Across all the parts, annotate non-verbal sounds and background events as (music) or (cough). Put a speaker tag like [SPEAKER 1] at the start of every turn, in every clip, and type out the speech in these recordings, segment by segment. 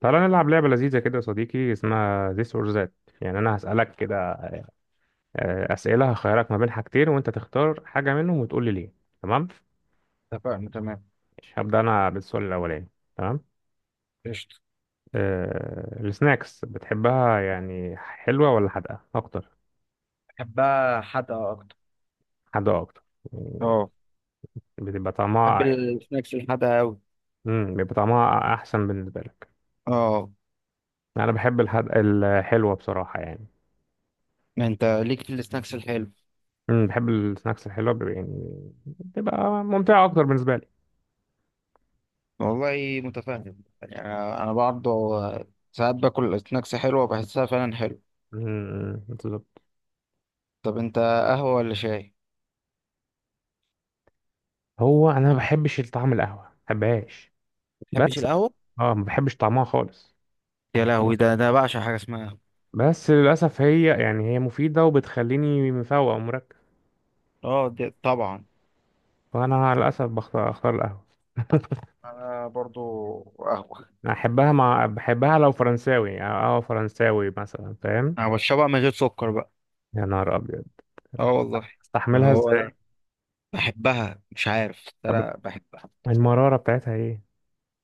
[SPEAKER 1] تعالى نلعب لعبة لذيذة كده يا صديقي اسمها this or that. يعني أنا هسألك كده، أسئلة هخيرك ما بين حاجتين وأنت تختار حاجة منهم وتقول لي ليه. تمام.
[SPEAKER 2] اتفقنا تمام،
[SPEAKER 1] مش هبدأ أنا بالسؤال الأولاني. تمام.
[SPEAKER 2] قشطة.
[SPEAKER 1] أه السناكس بتحبها يعني حلوة ولا حادقة أكتر؟
[SPEAKER 2] بحبها حادقة أكتر.
[SPEAKER 1] حادقة أكتر يعني،
[SPEAKER 2] اه،
[SPEAKER 1] بتبقى
[SPEAKER 2] بحب
[SPEAKER 1] طعمها،
[SPEAKER 2] السناكس الحادقة أوي.
[SPEAKER 1] بيبقى طعمها أحسن بالنسبة لك.
[SPEAKER 2] اه،
[SPEAKER 1] أنا بحب الحلوة بصراحة يعني.
[SPEAKER 2] ما أنت ليك في السناكس الحلو.
[SPEAKER 1] بحب السناكس الحلوة، يعني بتبقى ممتعة أكتر بالنسبة لي.
[SPEAKER 2] والله متفاهم يعني، انا برضه ساعات باكل سناكس حلوه، بحسها فعلا حلو.
[SPEAKER 1] بالظبط.
[SPEAKER 2] طب انت، قهوه ولا شاي؟
[SPEAKER 1] هو انا ما بحبش طعم القهوه، ما بحبهاش
[SPEAKER 2] ما بتحبش
[SPEAKER 1] بس.
[SPEAKER 2] القهوة؟
[SPEAKER 1] اه ما بحبش طعمها خالص.
[SPEAKER 2] يا لهوي، ده بعشق حاجة اسمها قهوة.
[SPEAKER 1] بس للاسف هي، يعني هي مفيده وبتخليني مفوق ومركز،
[SPEAKER 2] اه، دي طبعا.
[SPEAKER 1] فانا للاسف بختار القهوه. (laughs)
[SPEAKER 2] انا برضو قهوه.
[SPEAKER 1] أنا احبها بحبها لو فرنساوي، يعني اه فرنساوي مثلا فاهم.
[SPEAKER 2] أنا بشربها من غير سكر بقى.
[SPEAKER 1] يا نهار ابيض،
[SPEAKER 2] اه والله.
[SPEAKER 1] استحملها
[SPEAKER 2] هو
[SPEAKER 1] ازاي؟
[SPEAKER 2] بحبها مش عارف، بس
[SPEAKER 1] طب
[SPEAKER 2] أنا بحبها.
[SPEAKER 1] المراره بتاعتها ايه؟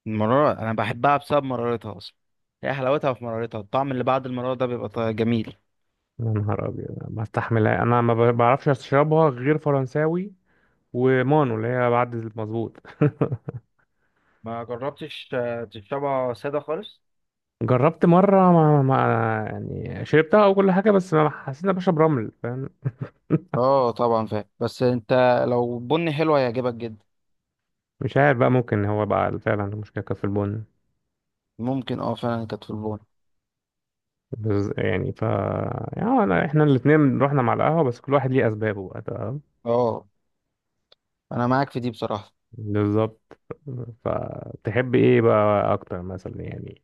[SPEAKER 2] المرارة أنا بحبها بسبب مرارتها أصلا. هي حلاوتها في مرارتها، الطعم اللي بعد المرارة ده بيبقى جميل.
[SPEAKER 1] يا نهار ابيض، ما استحملها انا، ما بعرفش اشربها غير فرنساوي ومانو اللي هي بعد المظبوط. (laughs)
[SPEAKER 2] ما جربتش، تشربها ساده خالص؟
[SPEAKER 1] جربت مرة ما, ما يعني شربتها وكل حاجة، بس ما حسيت إن أنا بشرب رمل فاهم.
[SPEAKER 2] اه طبعا فاهم، بس انت لو بني حلو هيعجبك جدا.
[SPEAKER 1] مش عارف بقى، ممكن هو بقى فعلا المشكلة كانت في البن.
[SPEAKER 2] ممكن، اه فعلا كانت في البون.
[SPEAKER 1] بس يعني ف يعني أنا، إحنا الاتنين رحنا مع القهوة، بس كل واحد ليه أسبابه بقى، تمام.
[SPEAKER 2] اه، انا معاك في دي بصراحة.
[SPEAKER 1] بالظبط. فتحب إيه بقى أكتر مثلا يعني؟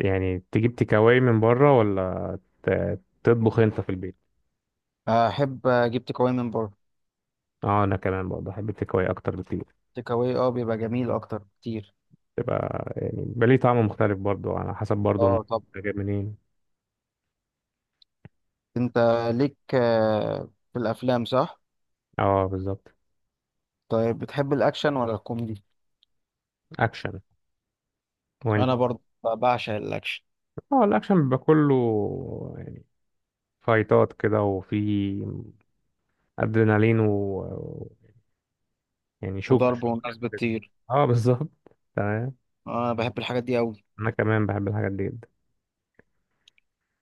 [SPEAKER 1] يعني تجيب تيكاواي من بره ولا تطبخ أنت في البيت؟
[SPEAKER 2] احب اجيب تيك اواي من بره.
[SPEAKER 1] اه انا كمان برضه بحب التيكاواي اكتر بكتير.
[SPEAKER 2] تيك اواي اه بيبقى جميل اكتر كتير.
[SPEAKER 1] تبقى يعني بيبقى ليه طعم مختلف برضه، على حسب برضه
[SPEAKER 2] اه،
[SPEAKER 1] المكان.
[SPEAKER 2] طب
[SPEAKER 1] جايب منين؟
[SPEAKER 2] انت ليك في الافلام، صح؟
[SPEAKER 1] اه بالظبط.
[SPEAKER 2] طيب، بتحب الاكشن ولا الكوميدي؟
[SPEAKER 1] اكشن. وانت؟
[SPEAKER 2] انا برضه بعشق الاكشن.
[SPEAKER 1] اه الاكشن بيبقى كله يعني فايتات كده، وفي ادرينالين و- يعني شوك
[SPEAKER 2] وضرب
[SPEAKER 1] شوك
[SPEAKER 2] والناس
[SPEAKER 1] كده.
[SPEAKER 2] بتطير.
[SPEAKER 1] اه بالظبط. تمام.
[SPEAKER 2] انا بحب الحاجات دي قوي.
[SPEAKER 1] انا كمان بحب الحاجات دي جدا.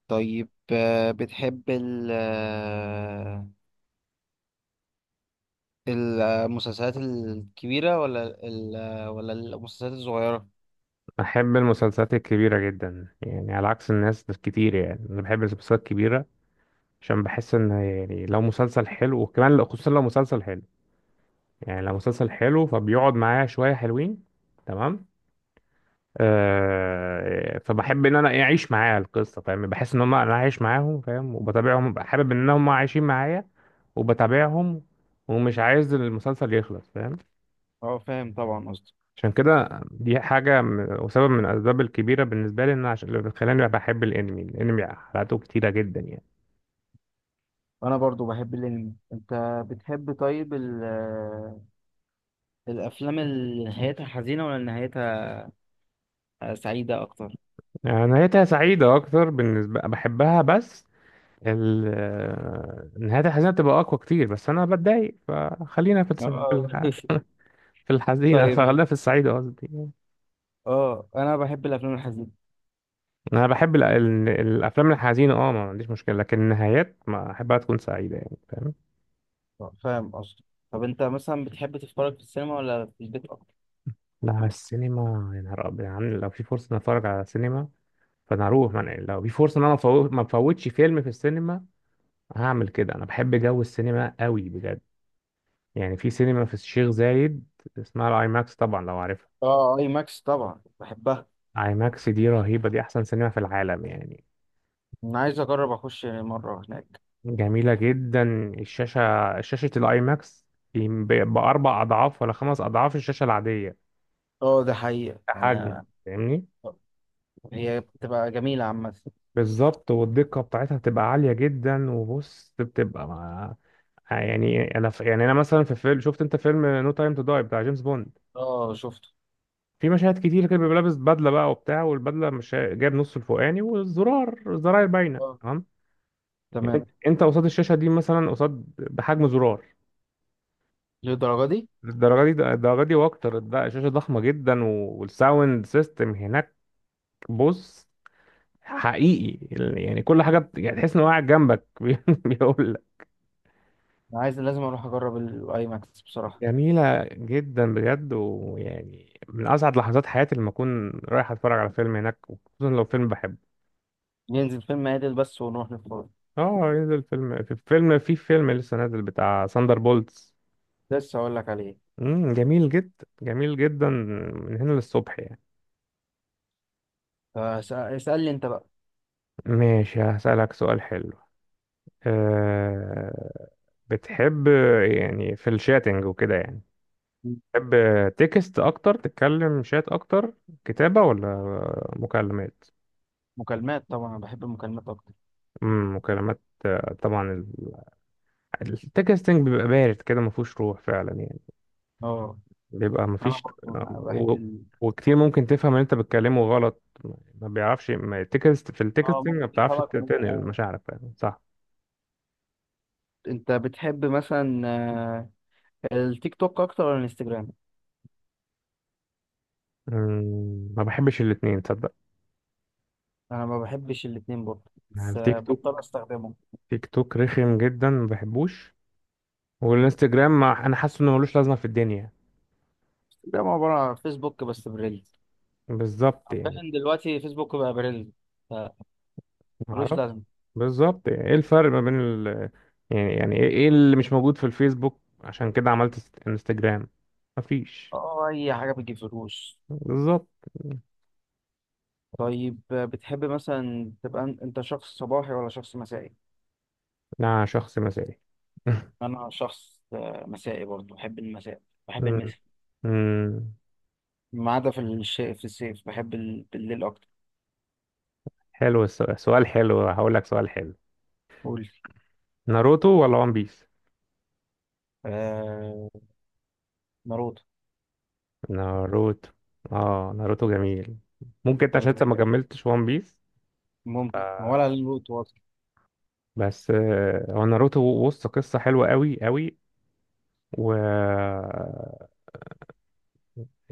[SPEAKER 2] طيب، بتحب ال آه، المسلسلات الكبيرة ولا ال آه، ولا المسلسلات الصغيرة؟
[SPEAKER 1] بحب المسلسلات الكبيرة جدا يعني، على عكس الناس كتير، يعني انا بحب المسلسلات الكبيرة. عشان بحس ان يعني لو مسلسل حلو، وكمان خصوصا لو مسلسل حلو، يعني لو مسلسل حلو فبيقعد معايا شوية حلوين. تمام. فبحب ان انا إيه اعيش معاه القصه فاهم، بحس ان هم انا عايش معاهم فاهم، وبتابعهم ببقى حابب ان هم عايشين معايا وبتابعهم، ومش عايز المسلسل يخلص فاهم.
[SPEAKER 2] اه فاهم طبعا قصدي.
[SPEAKER 1] عشان كده دي حاجه وسبب من الاسباب الكبيره بالنسبه لي، ان أنا عشان اللي بتخليني بحب الانمي، الانمي حلقاته كتيره جدا يعني.
[SPEAKER 2] انا برضو بحب الانمي. انت بتحب طيب ال آه، الافلام اللي نهايتها حزينة ولا نهايتها سعيدة اكتر؟
[SPEAKER 1] نهايتها سعيده اكتر بالنسبه، بحبها بس. نهايتها الحزينه بتبقى اقوى كتير، بس انا بتضايق فخلينا في في
[SPEAKER 2] اه. (laughs)
[SPEAKER 1] في الحزينه، (laughs)
[SPEAKER 2] طيب،
[SPEAKER 1] فخلينا في السعيده قصدي.
[SPEAKER 2] اه انا بحب الافلام الحزينة.
[SPEAKER 1] انا بحب الافلام الحزينه اه، ما عنديش مشكله، لكن النهايات ما احبها تكون سعيده يعني فاهم.
[SPEAKER 2] فاهم قصدي. طب انت مثلا بتحب تتفرج في السينما ولا في البيت اكتر؟
[SPEAKER 1] لا السينما، يا نهار ابيض، يعني لو في فرصه إني اتفرج على السينما فانا هروح. يعني لو في فرصه ان انا أفوت، ما افوتش فيلم في السينما، هعمل كده. انا بحب جو السينما قوي بجد. يعني في سينما في الشيخ زايد اسمها الاي ماكس، طبعا لو عارفها.
[SPEAKER 2] اه، اي ماكس طبعا بحبها.
[SPEAKER 1] اي ماكس دي رهيبه، دي احسن سينما في العالم يعني.
[SPEAKER 2] انا عايز اجرب اخش مره هناك.
[SPEAKER 1] جميله جدا الشاشه، شاشه الاي ماكس باربع اضعاف ولا خمس اضعاف الشاشه العاديه.
[SPEAKER 2] اه ده حقيقه
[SPEAKER 1] حجم،
[SPEAKER 2] يعني.
[SPEAKER 1] فاهمني؟
[SPEAKER 2] هي بتبقى جميله عامه.
[SPEAKER 1] بالظبط. والدقة بتاعتها بتبقى عالية جدا، وبص بتبقى مع، يعني انا ف، يعني انا مثلا في فيلم، شفت انت فيلم نو تايم تو داي بتاع جيمس بوند؟
[SPEAKER 2] اه شفته.
[SPEAKER 1] في مشاهد كتير كده بيبقى لابس بدلة بقى وبتاع، والبدلة مش جايب نص الفوقاني، والزرار الزراير باينة
[SPEAKER 2] اه
[SPEAKER 1] تمام. انت
[SPEAKER 2] تمام.
[SPEAKER 1] قصاد الشاشة دي، مثلا قصاد بحجم زرار.
[SPEAKER 2] للدرجه دي.
[SPEAKER 1] الدرجة دي واكتر، ده الشاشة ضخمة جدا والساوند سيستم هناك بص، حقيقي، يعني كل حاجة يعني تحس انه قاعد جنبك (laughs) بيقول.
[SPEAKER 2] انا عايز لازم اروح اجرب الاي ماكس بصراحه.
[SPEAKER 1] جميلة جدا بجد، ويعني من أسعد لحظات حياتي لما أكون رايح أتفرج على فيلم هناك، خصوصا لو فيلم بحبه.
[SPEAKER 2] ننزل فيلم عادل بس ونروح نتفرج.
[SPEAKER 1] اه ينزل فيلم في فيلم في فيلم لسه نازل بتاع ساندر بولتس.
[SPEAKER 2] لسه اقول لك عليه.
[SPEAKER 1] جميل جدا جميل جدا، من هنا للصبح يعني.
[SPEAKER 2] اسالني انت بقى.
[SPEAKER 1] ماشي، هسألك سؤال حلو. أه بتحب، يعني في الشاتنج وكده يعني، بتحب تكست أكتر؟ تتكلم شات أكتر؟ كتابة ولا مكالمات؟
[SPEAKER 2] مكالمات طبعا، انا بحب المكالمات اكتر.
[SPEAKER 1] مكالمات طبعا. التكستنج بيبقى بارد كده، ما فيهوش روح فعلا يعني،
[SPEAKER 2] اه.
[SPEAKER 1] بيبقى ما
[SPEAKER 2] انا
[SPEAKER 1] فيش
[SPEAKER 2] برضه بحب
[SPEAKER 1] و...
[SPEAKER 2] ال...
[SPEAKER 1] وكتير ممكن تفهم ان انت بتكلمه غلط، ما بيعرفش، ما التكست في
[SPEAKER 2] اه
[SPEAKER 1] التكستنج
[SPEAKER 2] ممكن
[SPEAKER 1] ما بتعرفش
[SPEAKER 2] يفرق من
[SPEAKER 1] تنقل
[SPEAKER 2] آه.
[SPEAKER 1] مشاعرك فعلا، صح؟
[SPEAKER 2] انت بتحب مثلا التيك توك اكتر ولا الانستجرام؟
[SPEAKER 1] ما بحبش الاتنين تصدق.
[SPEAKER 2] انا ما بحبش الاتنين برضه،
[SPEAKER 1] يعني
[SPEAKER 2] بس
[SPEAKER 1] التيك
[SPEAKER 2] بضطر
[SPEAKER 1] توك،
[SPEAKER 2] استخدمه.
[SPEAKER 1] تيك توك رخم جدا ما بحبوش. والانستجرام ما، انا حاسه انه ملوش لازمه في الدنيا.
[SPEAKER 2] انستجرام عبارة عن فيسبوك بس بريلز.
[SPEAKER 1] بالظبط يعني.
[SPEAKER 2] عارفين دلوقتي فيسبوك بقى بريلز. ف-
[SPEAKER 1] ما
[SPEAKER 2] ملوش
[SPEAKER 1] اعرفش
[SPEAKER 2] لازمة.
[SPEAKER 1] بالظبط يعني ايه الفرق ما بين ال، يعني يعني ايه إيه اللي مش موجود في الفيسبوك عشان كده عملت انستجرام؟ مفيش.
[SPEAKER 2] اه، أي حاجة بتجيب فلوس.
[SPEAKER 1] بالظبط.
[SPEAKER 2] طيب، بتحب مثلا تبقى أنت شخص صباحي ولا شخص مسائي؟
[SPEAKER 1] أنا شخص مثالي. (laughs)
[SPEAKER 2] أنا شخص مسائي برضه، بحب المساء. بحب
[SPEAKER 1] مم.
[SPEAKER 2] المساء.
[SPEAKER 1] مم.
[SPEAKER 2] ما عدا في الصيف، بحب بالليل أكتر.
[SPEAKER 1] حلو السؤال، سؤال حلو، هقول لك سؤال حلو.
[SPEAKER 2] قول.
[SPEAKER 1] ناروتو ولا وان بيس؟
[SPEAKER 2] آه... ناروتو.
[SPEAKER 1] ناروتو. اه ناروتو جميل. ممكن انت
[SPEAKER 2] أنت
[SPEAKER 1] عشان انت
[SPEAKER 2] بتحب
[SPEAKER 1] ما كملتش وان بيس.
[SPEAKER 2] ممكن ولا ناروتو أصلا؟
[SPEAKER 1] بس هو ناروتو بص، قصة حلوة قوي قوي، و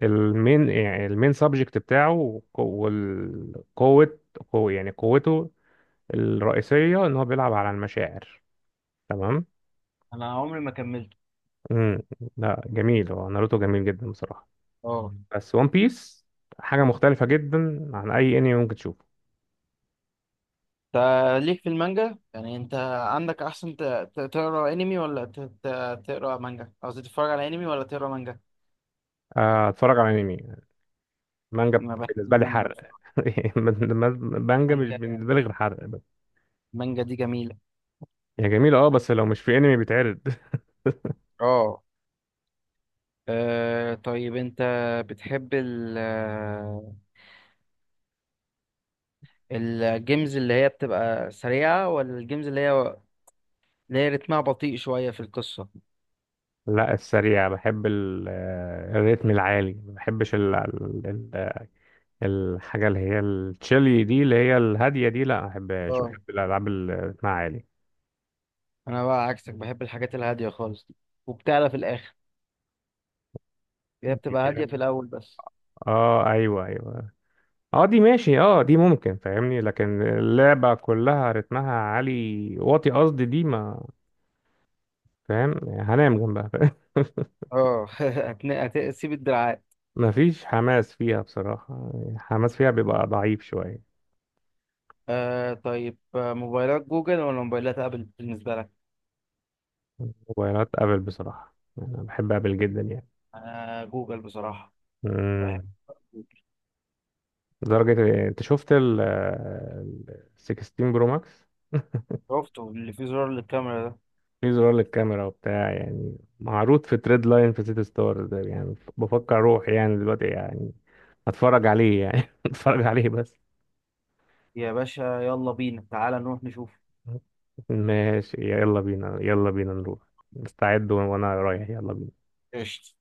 [SPEAKER 1] المين يعني المين سبجكت بتاعه والقوة، قوة يعني قوته الرئيسية ان هو بيلعب على المشاعر. تمام.
[SPEAKER 2] أنا عمري ما كملته.
[SPEAKER 1] امم لا جميل، هو ناروتو جميل جدا بصراحة،
[SPEAKER 2] اه،
[SPEAKER 1] بس ون بيس حاجة مختلفة جدا عن أي أنمي ممكن تشوفه.
[SPEAKER 2] انت ليك في المانجا يعني، انت عندك احسن تقرا انمي ولا تقرا مانجا؟ قصدي تتفرج على انمي ولا تقرا مانجا؟
[SPEAKER 1] أتفرج على أنمي. مانجا
[SPEAKER 2] انا بحب
[SPEAKER 1] بالنسبة لي
[SPEAKER 2] المانجا
[SPEAKER 1] حرق.
[SPEAKER 2] بصراحه.
[SPEAKER 1] (laughs) مانجا مش
[SPEAKER 2] المانجا
[SPEAKER 1] بالنسبة لي غير حرق بس.
[SPEAKER 2] المانجا دي جميله.
[SPEAKER 1] هي جميلة أه، بس لو مش في أنمي بيتعرض. (laughs)
[SPEAKER 2] اه. طيب انت بتحب الجيمز اللي هي بتبقى سريعه، ولا الجيمز اللي هي اللي هي رتمها بطيء شويه في القصه؟
[SPEAKER 1] لا السريع. بحب الريتم العالي، ما بحبش الحاجة اللي هي التشيلي دي، اللي هي الهادية دي، لا ما بحبهاش.
[SPEAKER 2] اه
[SPEAKER 1] بحب الألعاب اللي رتمها عالي.
[SPEAKER 2] انا بقى عكسك، بحب الحاجات الهاديه خالص دي وبتعلى في الاخر. هي بتبقى هاديه في
[SPEAKER 1] (laughs)
[SPEAKER 2] الاول بس.
[SPEAKER 1] اه ايوه ايوه. اه دي ماشي، اه دي ممكن فاهمني، لكن اللعبة كلها رتمها عالي واطي قصدي، دي ما، فاهم هنام جنبها فاهم؟ (laughs)
[SPEAKER 2] اه. (laughs) هتسيب الدراعات.
[SPEAKER 1] مفيش حماس فيها بصراحة، حماس فيها بيبقى ضعيف شوية.
[SPEAKER 2] آه طيب، موبايلات جوجل ولا موبايلات ابل بالنسبه لك؟
[SPEAKER 1] موبايلات ابل بصراحة، انا بحب ابل جدا يعني.
[SPEAKER 2] انا جوجل بصراحه. بحب
[SPEAKER 1] امم
[SPEAKER 2] جوجل.
[SPEAKER 1] لدرجة إيه؟ انت شفت 16 برو ماكس؟
[SPEAKER 2] شفته اللي فيه زرار للكاميرا ده.
[SPEAKER 1] في زرار للكاميرا وبتاع يعني، معروض في تريد لاين في سيتي ستارز ده، يعني بفكر اروح يعني دلوقتي يعني، هتفرج عليه يعني. (laughs) هتفرج عليه بس.
[SPEAKER 2] يا باشا يلا بينا، تعالى نروح نشوف.
[SPEAKER 1] ماشي يلا بينا، يلا بينا نروح. مستعد وانا رايح، يلا بينا.
[SPEAKER 2] قشطة.